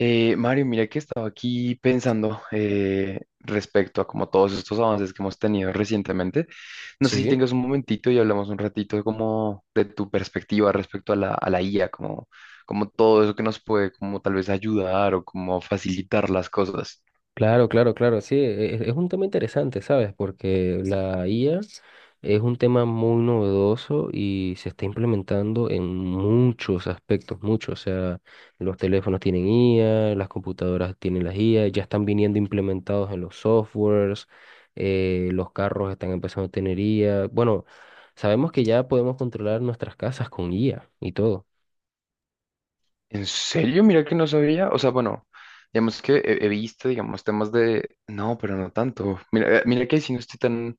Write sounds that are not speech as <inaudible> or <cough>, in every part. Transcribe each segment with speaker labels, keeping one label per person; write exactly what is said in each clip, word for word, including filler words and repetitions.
Speaker 1: Eh, Mario, mira que estaba aquí pensando eh, respecto a como todos estos avances que hemos tenido recientemente. No sé si
Speaker 2: Sí,
Speaker 1: tengas un momentito y hablamos un ratito como de tu perspectiva respecto a la, a la I A, como, como todo eso que nos puede como tal vez ayudar o como facilitar las cosas.
Speaker 2: claro, claro, claro, sí, e- e- es, un tema interesante, ¿sabes? Porque la I A es un tema muy novedoso y se está implementando en muchos aspectos, muchos, o sea, los teléfonos tienen I A, las computadoras tienen las I A, ya están viniendo implementados en los softwares, eh, los carros están empezando a tener I A, bueno, sabemos que ya podemos controlar nuestras casas con I A y todo.
Speaker 1: ¿En serio? Mira que no sabía. O sea, bueno, digamos que he, he visto, digamos, temas de. No, pero no tanto. Mira, eh, mira que si no estoy tan,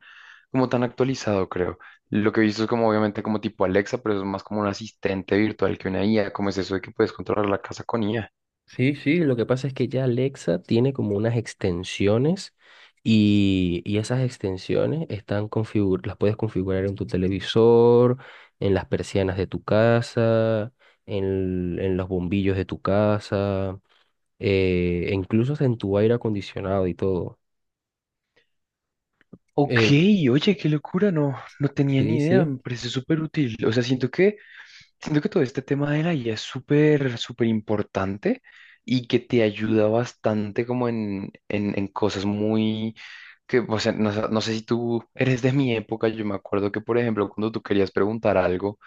Speaker 1: como tan actualizado, creo. Lo que he visto es como, obviamente, como tipo Alexa, pero eso es más como un asistente virtual que una I A. ¿Cómo es eso de que puedes controlar la casa con I A?
Speaker 2: Sí, sí, lo que pasa es que ya Alexa tiene como unas extensiones y, y esas extensiones están configuradas, las puedes configurar en tu televisor, en las persianas de tu casa, en, en los bombillos de tu casa, eh, e incluso hasta en tu aire acondicionado y todo.
Speaker 1: Ok,
Speaker 2: Eh,
Speaker 1: oye, qué locura, no, no tenía
Speaker 2: sí,
Speaker 1: ni idea,
Speaker 2: sí.
Speaker 1: me parece súper útil. O sea, siento que, siento que todo este tema de la I A es súper, súper importante y que te ayuda bastante como en, en, en cosas muy, que, o sea, no, sé no sé si tú eres de mi época. Yo me acuerdo que, por ejemplo, cuando tú querías preguntar algo,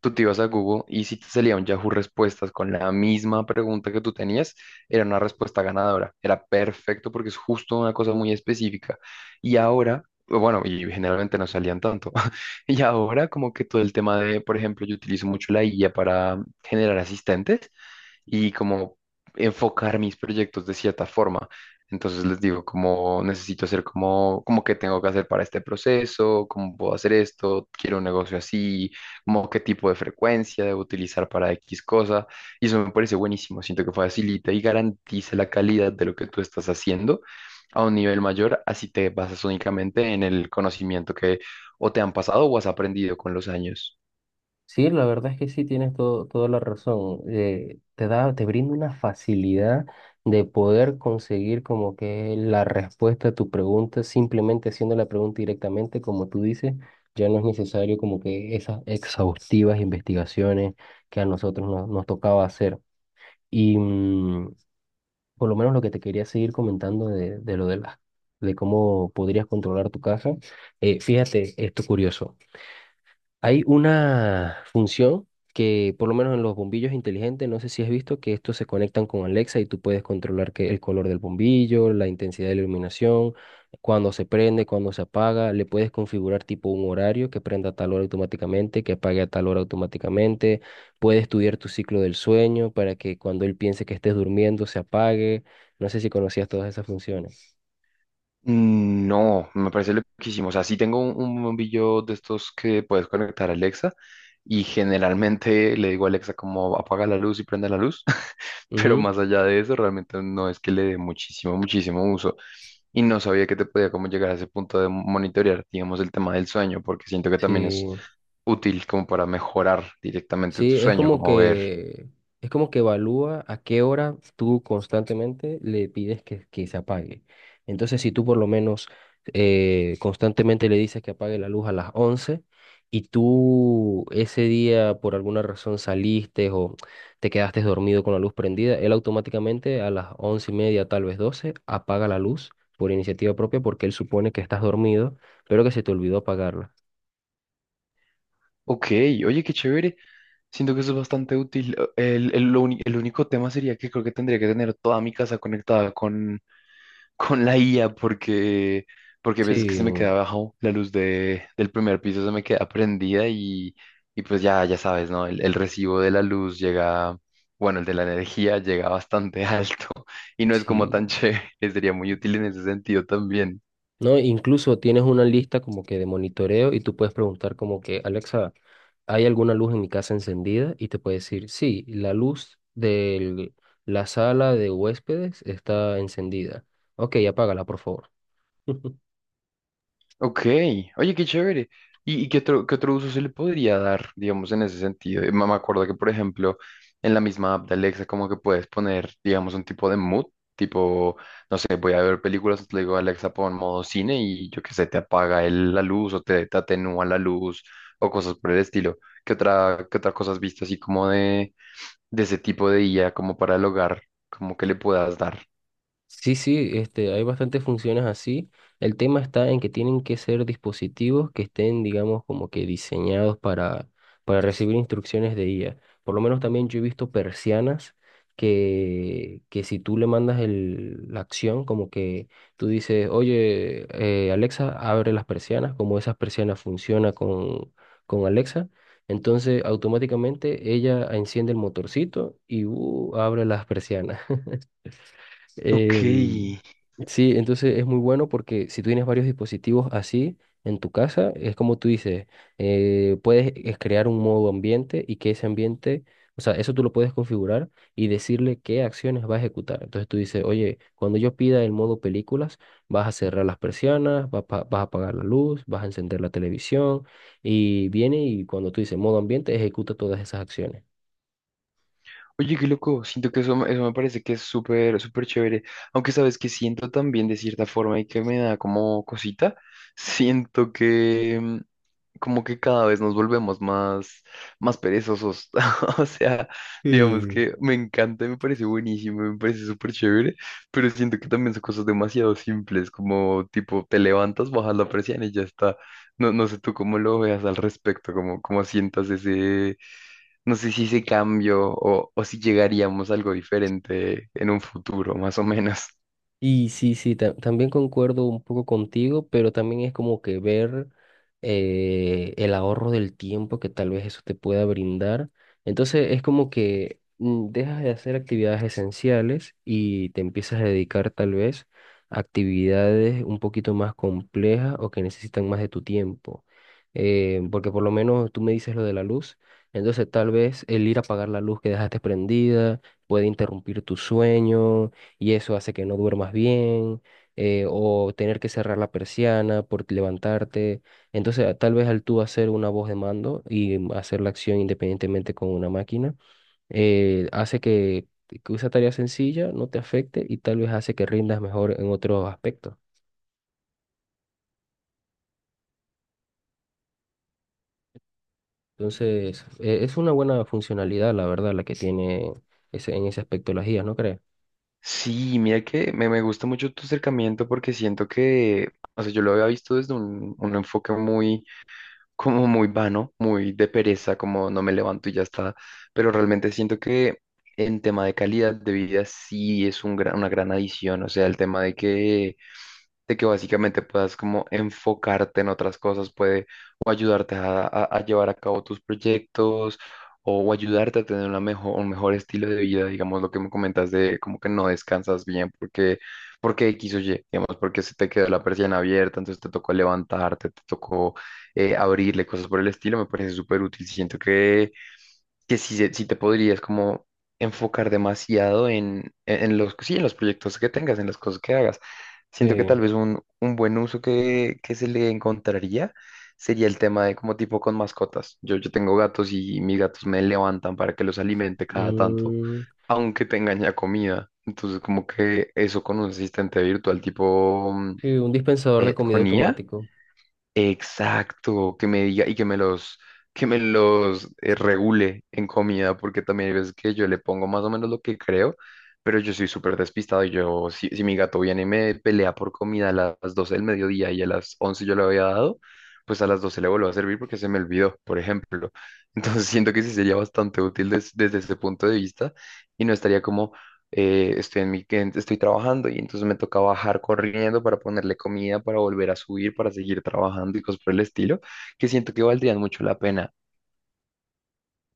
Speaker 1: tú te ibas a Google y si te salía un Yahoo Respuestas con la misma pregunta que tú tenías, era una respuesta ganadora. Era perfecto porque es justo una cosa muy específica. Y ahora, bueno, y generalmente no salían tanto. <laughs> Y ahora como que todo el tema de, por ejemplo, yo utilizo mucho la I A para generar asistentes y como enfocar mis proyectos de cierta forma. Entonces les digo, como necesito hacer como, como qué tengo que hacer para este proceso, cómo puedo hacer esto, quiero un negocio así, como qué tipo de frecuencia debo utilizar para X cosa. Y eso me parece buenísimo. Siento que facilita y garantiza la calidad de lo que tú estás haciendo a un nivel mayor, así te basas únicamente en el conocimiento que o te han pasado o has aprendido con los años.
Speaker 2: Sí, la verdad es que sí tienes todo, toda la razón. Eh, te da, te brinda una facilidad de poder conseguir como que la respuesta a tu pregunta, simplemente haciendo la pregunta directamente, como tú dices, ya no es necesario como que esas exhaustivas investigaciones que a nosotros nos, nos tocaba hacer. Y mm, por lo menos lo que te quería seguir comentando de, de lo de las, de cómo podrías controlar tu casa. Eh, fíjate, esto curioso. Hay una función que, por lo menos en los bombillos inteligentes, no sé si has visto que estos se conectan con Alexa y tú puedes controlar que el color del bombillo, la intensidad de la iluminación, cuando se prende, cuando se apaga. Le puedes configurar tipo un horario que prenda a tal hora automáticamente, que apague a tal hora automáticamente. Puedes estudiar tu ciclo del sueño para que cuando él piense que estés durmiendo se apague. No sé si conocías todas esas funciones.
Speaker 1: Mm, no, me parece loquísimo. O sea, sí tengo un, un bombillo de estos que puedes conectar a Alexa y generalmente le digo a Alexa como apaga la luz y prende la luz, <laughs> pero
Speaker 2: Ujú.
Speaker 1: más allá de eso realmente no es que le dé muchísimo, muchísimo uso, y no sabía que te podía como llegar a ese punto de monitorear, digamos, el tema del sueño, porque siento que también es
Speaker 2: Sí.
Speaker 1: útil como para mejorar directamente tu
Speaker 2: Sí, es
Speaker 1: sueño,
Speaker 2: como
Speaker 1: como ver.
Speaker 2: que es como que evalúa a qué hora tú constantemente le pides que, que se apague. Entonces, si tú por lo menos eh, constantemente le dices que apague la luz a las once y tú ese día por alguna razón saliste o te quedaste dormido con la luz prendida, él automáticamente a las once y media, tal vez doce, apaga la luz por iniciativa propia porque él supone que estás dormido, pero que se te olvidó apagarla.
Speaker 1: Ok, oye, qué chévere. Siento que eso es bastante útil. El, el- lo uni- el único tema sería que creo que tendría que tener toda mi casa conectada con, <laughs> con la I A porque, porque, a veces que
Speaker 2: Sí,
Speaker 1: se me queda abajo la luz de, del primer piso se me queda prendida y, y pues ya, ya sabes, ¿no? El, el recibo de la luz llega, bueno, el de la energía llega bastante alto <laughs> y no es como tan <laughs>
Speaker 2: sí.
Speaker 1: chévere. Sería muy útil en ese sentido también.
Speaker 2: ¿No? Incluso tienes una lista como que de monitoreo y tú puedes preguntar como que, Alexa, ¿hay alguna luz en mi casa encendida? Y te puede decir, sí, la luz de la sala de huéspedes está encendida. Ok, apágala, por favor. <laughs>
Speaker 1: Ok, oye, qué chévere. ¿Y, y qué otro, qué otro uso se le podría dar, digamos, en ese sentido? Eh, Me me acuerdo que, por ejemplo, en la misma app de Alexa, como que puedes poner, digamos, un tipo de mood, tipo, no sé, voy a ver películas, le digo, Alexa, pon modo cine y yo qué sé, te apaga el- la luz o te, te atenúa la luz o cosas por el estilo. ¿Qué otra, qué otra cosa has visto así como de, de ese tipo de I A, como para el hogar, como que le puedas dar?
Speaker 2: Sí, sí, este, hay bastantes funciones así. El tema está en que tienen que ser dispositivos que estén, digamos, como que diseñados para, para recibir instrucciones de I A. Por lo menos también yo he visto persianas que, que si tú le mandas el, la acción, como que tú dices, oye, eh, Alexa, abre las persianas, como esas persianas funcionan con, con Alexa. Entonces, automáticamente ella enciende el motorcito y uh, abre las persianas. Em,
Speaker 1: Ok.
Speaker 2: sí, entonces es muy bueno porque si tú tienes varios dispositivos así en tu casa, es como tú dices, eh, puedes es crear un modo ambiente y que ese ambiente, o sea, eso tú lo puedes configurar y decirle qué acciones va a ejecutar. Entonces tú dices, oye, cuando yo pida el modo películas, vas a cerrar las persianas, vas, pa- vas a apagar la luz, vas a encender la televisión y viene y cuando tú dices modo ambiente, ejecuta todas esas acciones.
Speaker 1: Oye, qué loco, siento que eso, me- eso me parece que es súper, súper chévere, aunque sabes que siento también de cierta forma y que me da como cosita, <laughs> siento que mm, como que cada vez nos volvemos más, más perezosos, <laughs> o sea, digamos que me encanta, me parece buenísimo, me parece súper chévere, pero siento que también son cosas demasiado simples, como tipo te levantas, bajas la presión y ya está, no, no sé tú cómo lo veas al respecto, cómo, cómo sientas ese. No sé si ese cambio o, o si llegaríamos a algo diferente en un futuro, más o menos.
Speaker 2: Y sí, sí, ta- también concuerdo un poco contigo, pero también es como que ver eh, el ahorro del tiempo que tal vez eso te pueda brindar. Entonces es como que mm, dejas de hacer actividades esenciales y te empiezas a dedicar tal vez a actividades un poquito más complejas o que necesitan más de tu tiempo. Eh, porque por lo menos tú me dices lo de la luz, entonces tal vez el ir a apagar la luz que dejaste prendida puede interrumpir tu sueño y eso hace que no duermas bien, eh, o tener que cerrar la persiana por levantarte. Entonces, a- tal vez al tú hacer una voz de mando y mm, hacer la acción independientemente con una máquina, eh, hace que, que esa tarea sencilla no te afecte y tal vez hace que rindas mejor en otros aspectos. Entonces, eh, es una buena funcionalidad, la verdad, la que tiene ese, en ese aspecto las guías, ¿no crees?
Speaker 1: Sí, mira que me, me gusta mucho tu acercamiento porque siento que, o sea, yo lo había visto desde un, un enfoque muy, como muy vano, muy de pereza, como no me levanto y ya está, pero realmente siento que en tema de calidad de vida sí es un gran- una gran adición. O sea, el tema de que de que básicamente puedas como enfocarte en otras cosas, puede o ayudarte a, a- a llevar a cabo tus proyectos o, o ayudarte a tener una mejor, un mejor estilo de vida, digamos, lo que me comentas de como que no descansas bien porque, porque X o Y, digamos, porque se te quedó la persiana abierta, entonces te tocó levantarte, te tocó eh, abrirle, cosas por el estilo. Me parece súper útil, siento que que sí, se- sí te podrías como enfocar demasiado en, en- en los, sí, en los proyectos que tengas, en las cosas que hagas.
Speaker 2: Sí.
Speaker 1: Siento que tal vez un, un buen uso que, que se le encontraría sería el tema de como tipo con mascotas. Yo, yo tengo gatos y mis gatos me levantan para que los alimente cada tanto,
Speaker 2: Mm,
Speaker 1: aunque tengan ya comida. Entonces como que eso con un asistente virtual tipo mm,
Speaker 2: sí, un dispensador de
Speaker 1: eh,
Speaker 2: comida
Speaker 1: con I A.
Speaker 2: automático.
Speaker 1: Exacto, que me diga y que me los, que me los eh, regule en comida, porque también hay veces que yo le pongo más o menos lo que creo, pero yo soy súper despistado y yo, si, si mi gato viene y me pelea por comida a las doce del mediodía y a las once yo le había dado, pues a las doce le vuelvo a servir porque se me olvidó, por ejemplo. <laughs> Entonces siento que sí sería bastante útil des- desde ese punto de vista y no estaría como, eh, estoy en mi, en- estoy trabajando y entonces me toca bajar corriendo para ponerle comida, para volver a subir, para seguir trabajando y cosas por el estilo, que siento que valdrían mucho la pena.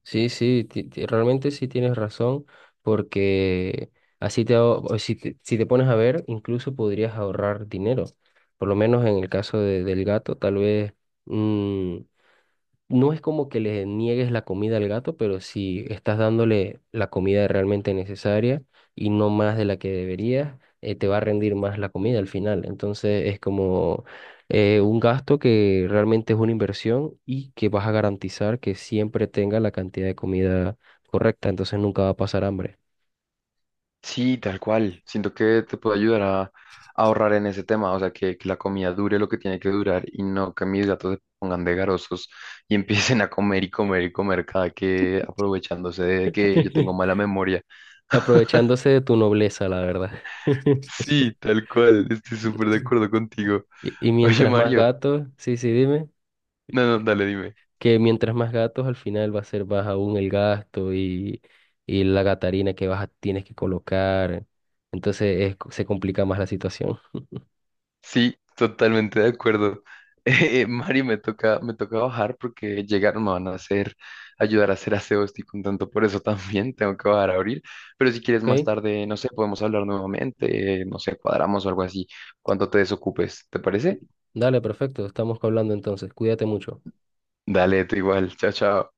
Speaker 2: Sí, sí, ti- ti- realmente sí tienes razón, porque así te, ahor- o si te, si te pones a ver, incluso podrías ahorrar dinero. Por lo menos en el caso de- del gato, tal vez mm, no es como que le niegues la comida al gato, pero si estás dándole la comida realmente necesaria y no más de la que deberías, eh, te va a rendir más la comida al final. Entonces es como eh, un gasto que realmente es una inversión y que vas a garantizar que siempre tenga la cantidad de comida correcta, entonces nunca va a pasar hambre.
Speaker 1: Sí, tal cual. Siento que te puede ayudar a, a ahorrar en ese tema, o sea, que, que la comida dure lo que tiene que durar y no que mis gatos se pongan de garosos <laughs> y empiecen a comer y comer y comer cada que, aprovechándose de que yo tengo
Speaker 2: <laughs>
Speaker 1: mala memoria. <laughs>
Speaker 2: Aprovechándose de tu nobleza, la verdad. <laughs>
Speaker 1: Sí, tal cual. Estoy súper de acuerdo contigo.
Speaker 2: Y, y
Speaker 1: Oye,
Speaker 2: mientras más
Speaker 1: Mario.
Speaker 2: gatos, sí, sí,
Speaker 1: No, no, dale, dime.
Speaker 2: que mientras más gatos, al final va a ser baja aún el gasto y, y la gatarina que vas a- tienes que colocar. Entonces es- se complica más la situación.
Speaker 1: Sí, totalmente de acuerdo. <laughs> Eh, Mari, me toca, me toca bajar porque llegaron, me van a hacer, ayudar a hacer aseo, estoy contento por eso <laughs> también, tengo que bajar a abrir, pero si quieres más
Speaker 2: ¿Ok?
Speaker 1: tarde, no sé, podemos hablar nuevamente, eh, no sé, cuadramos o algo así, cuando te desocupes, ¿te parece?
Speaker 2: Dale, perfecto. Estamos hablando entonces. Cuídate mucho.
Speaker 1: Dale, tú igual, chao, chao.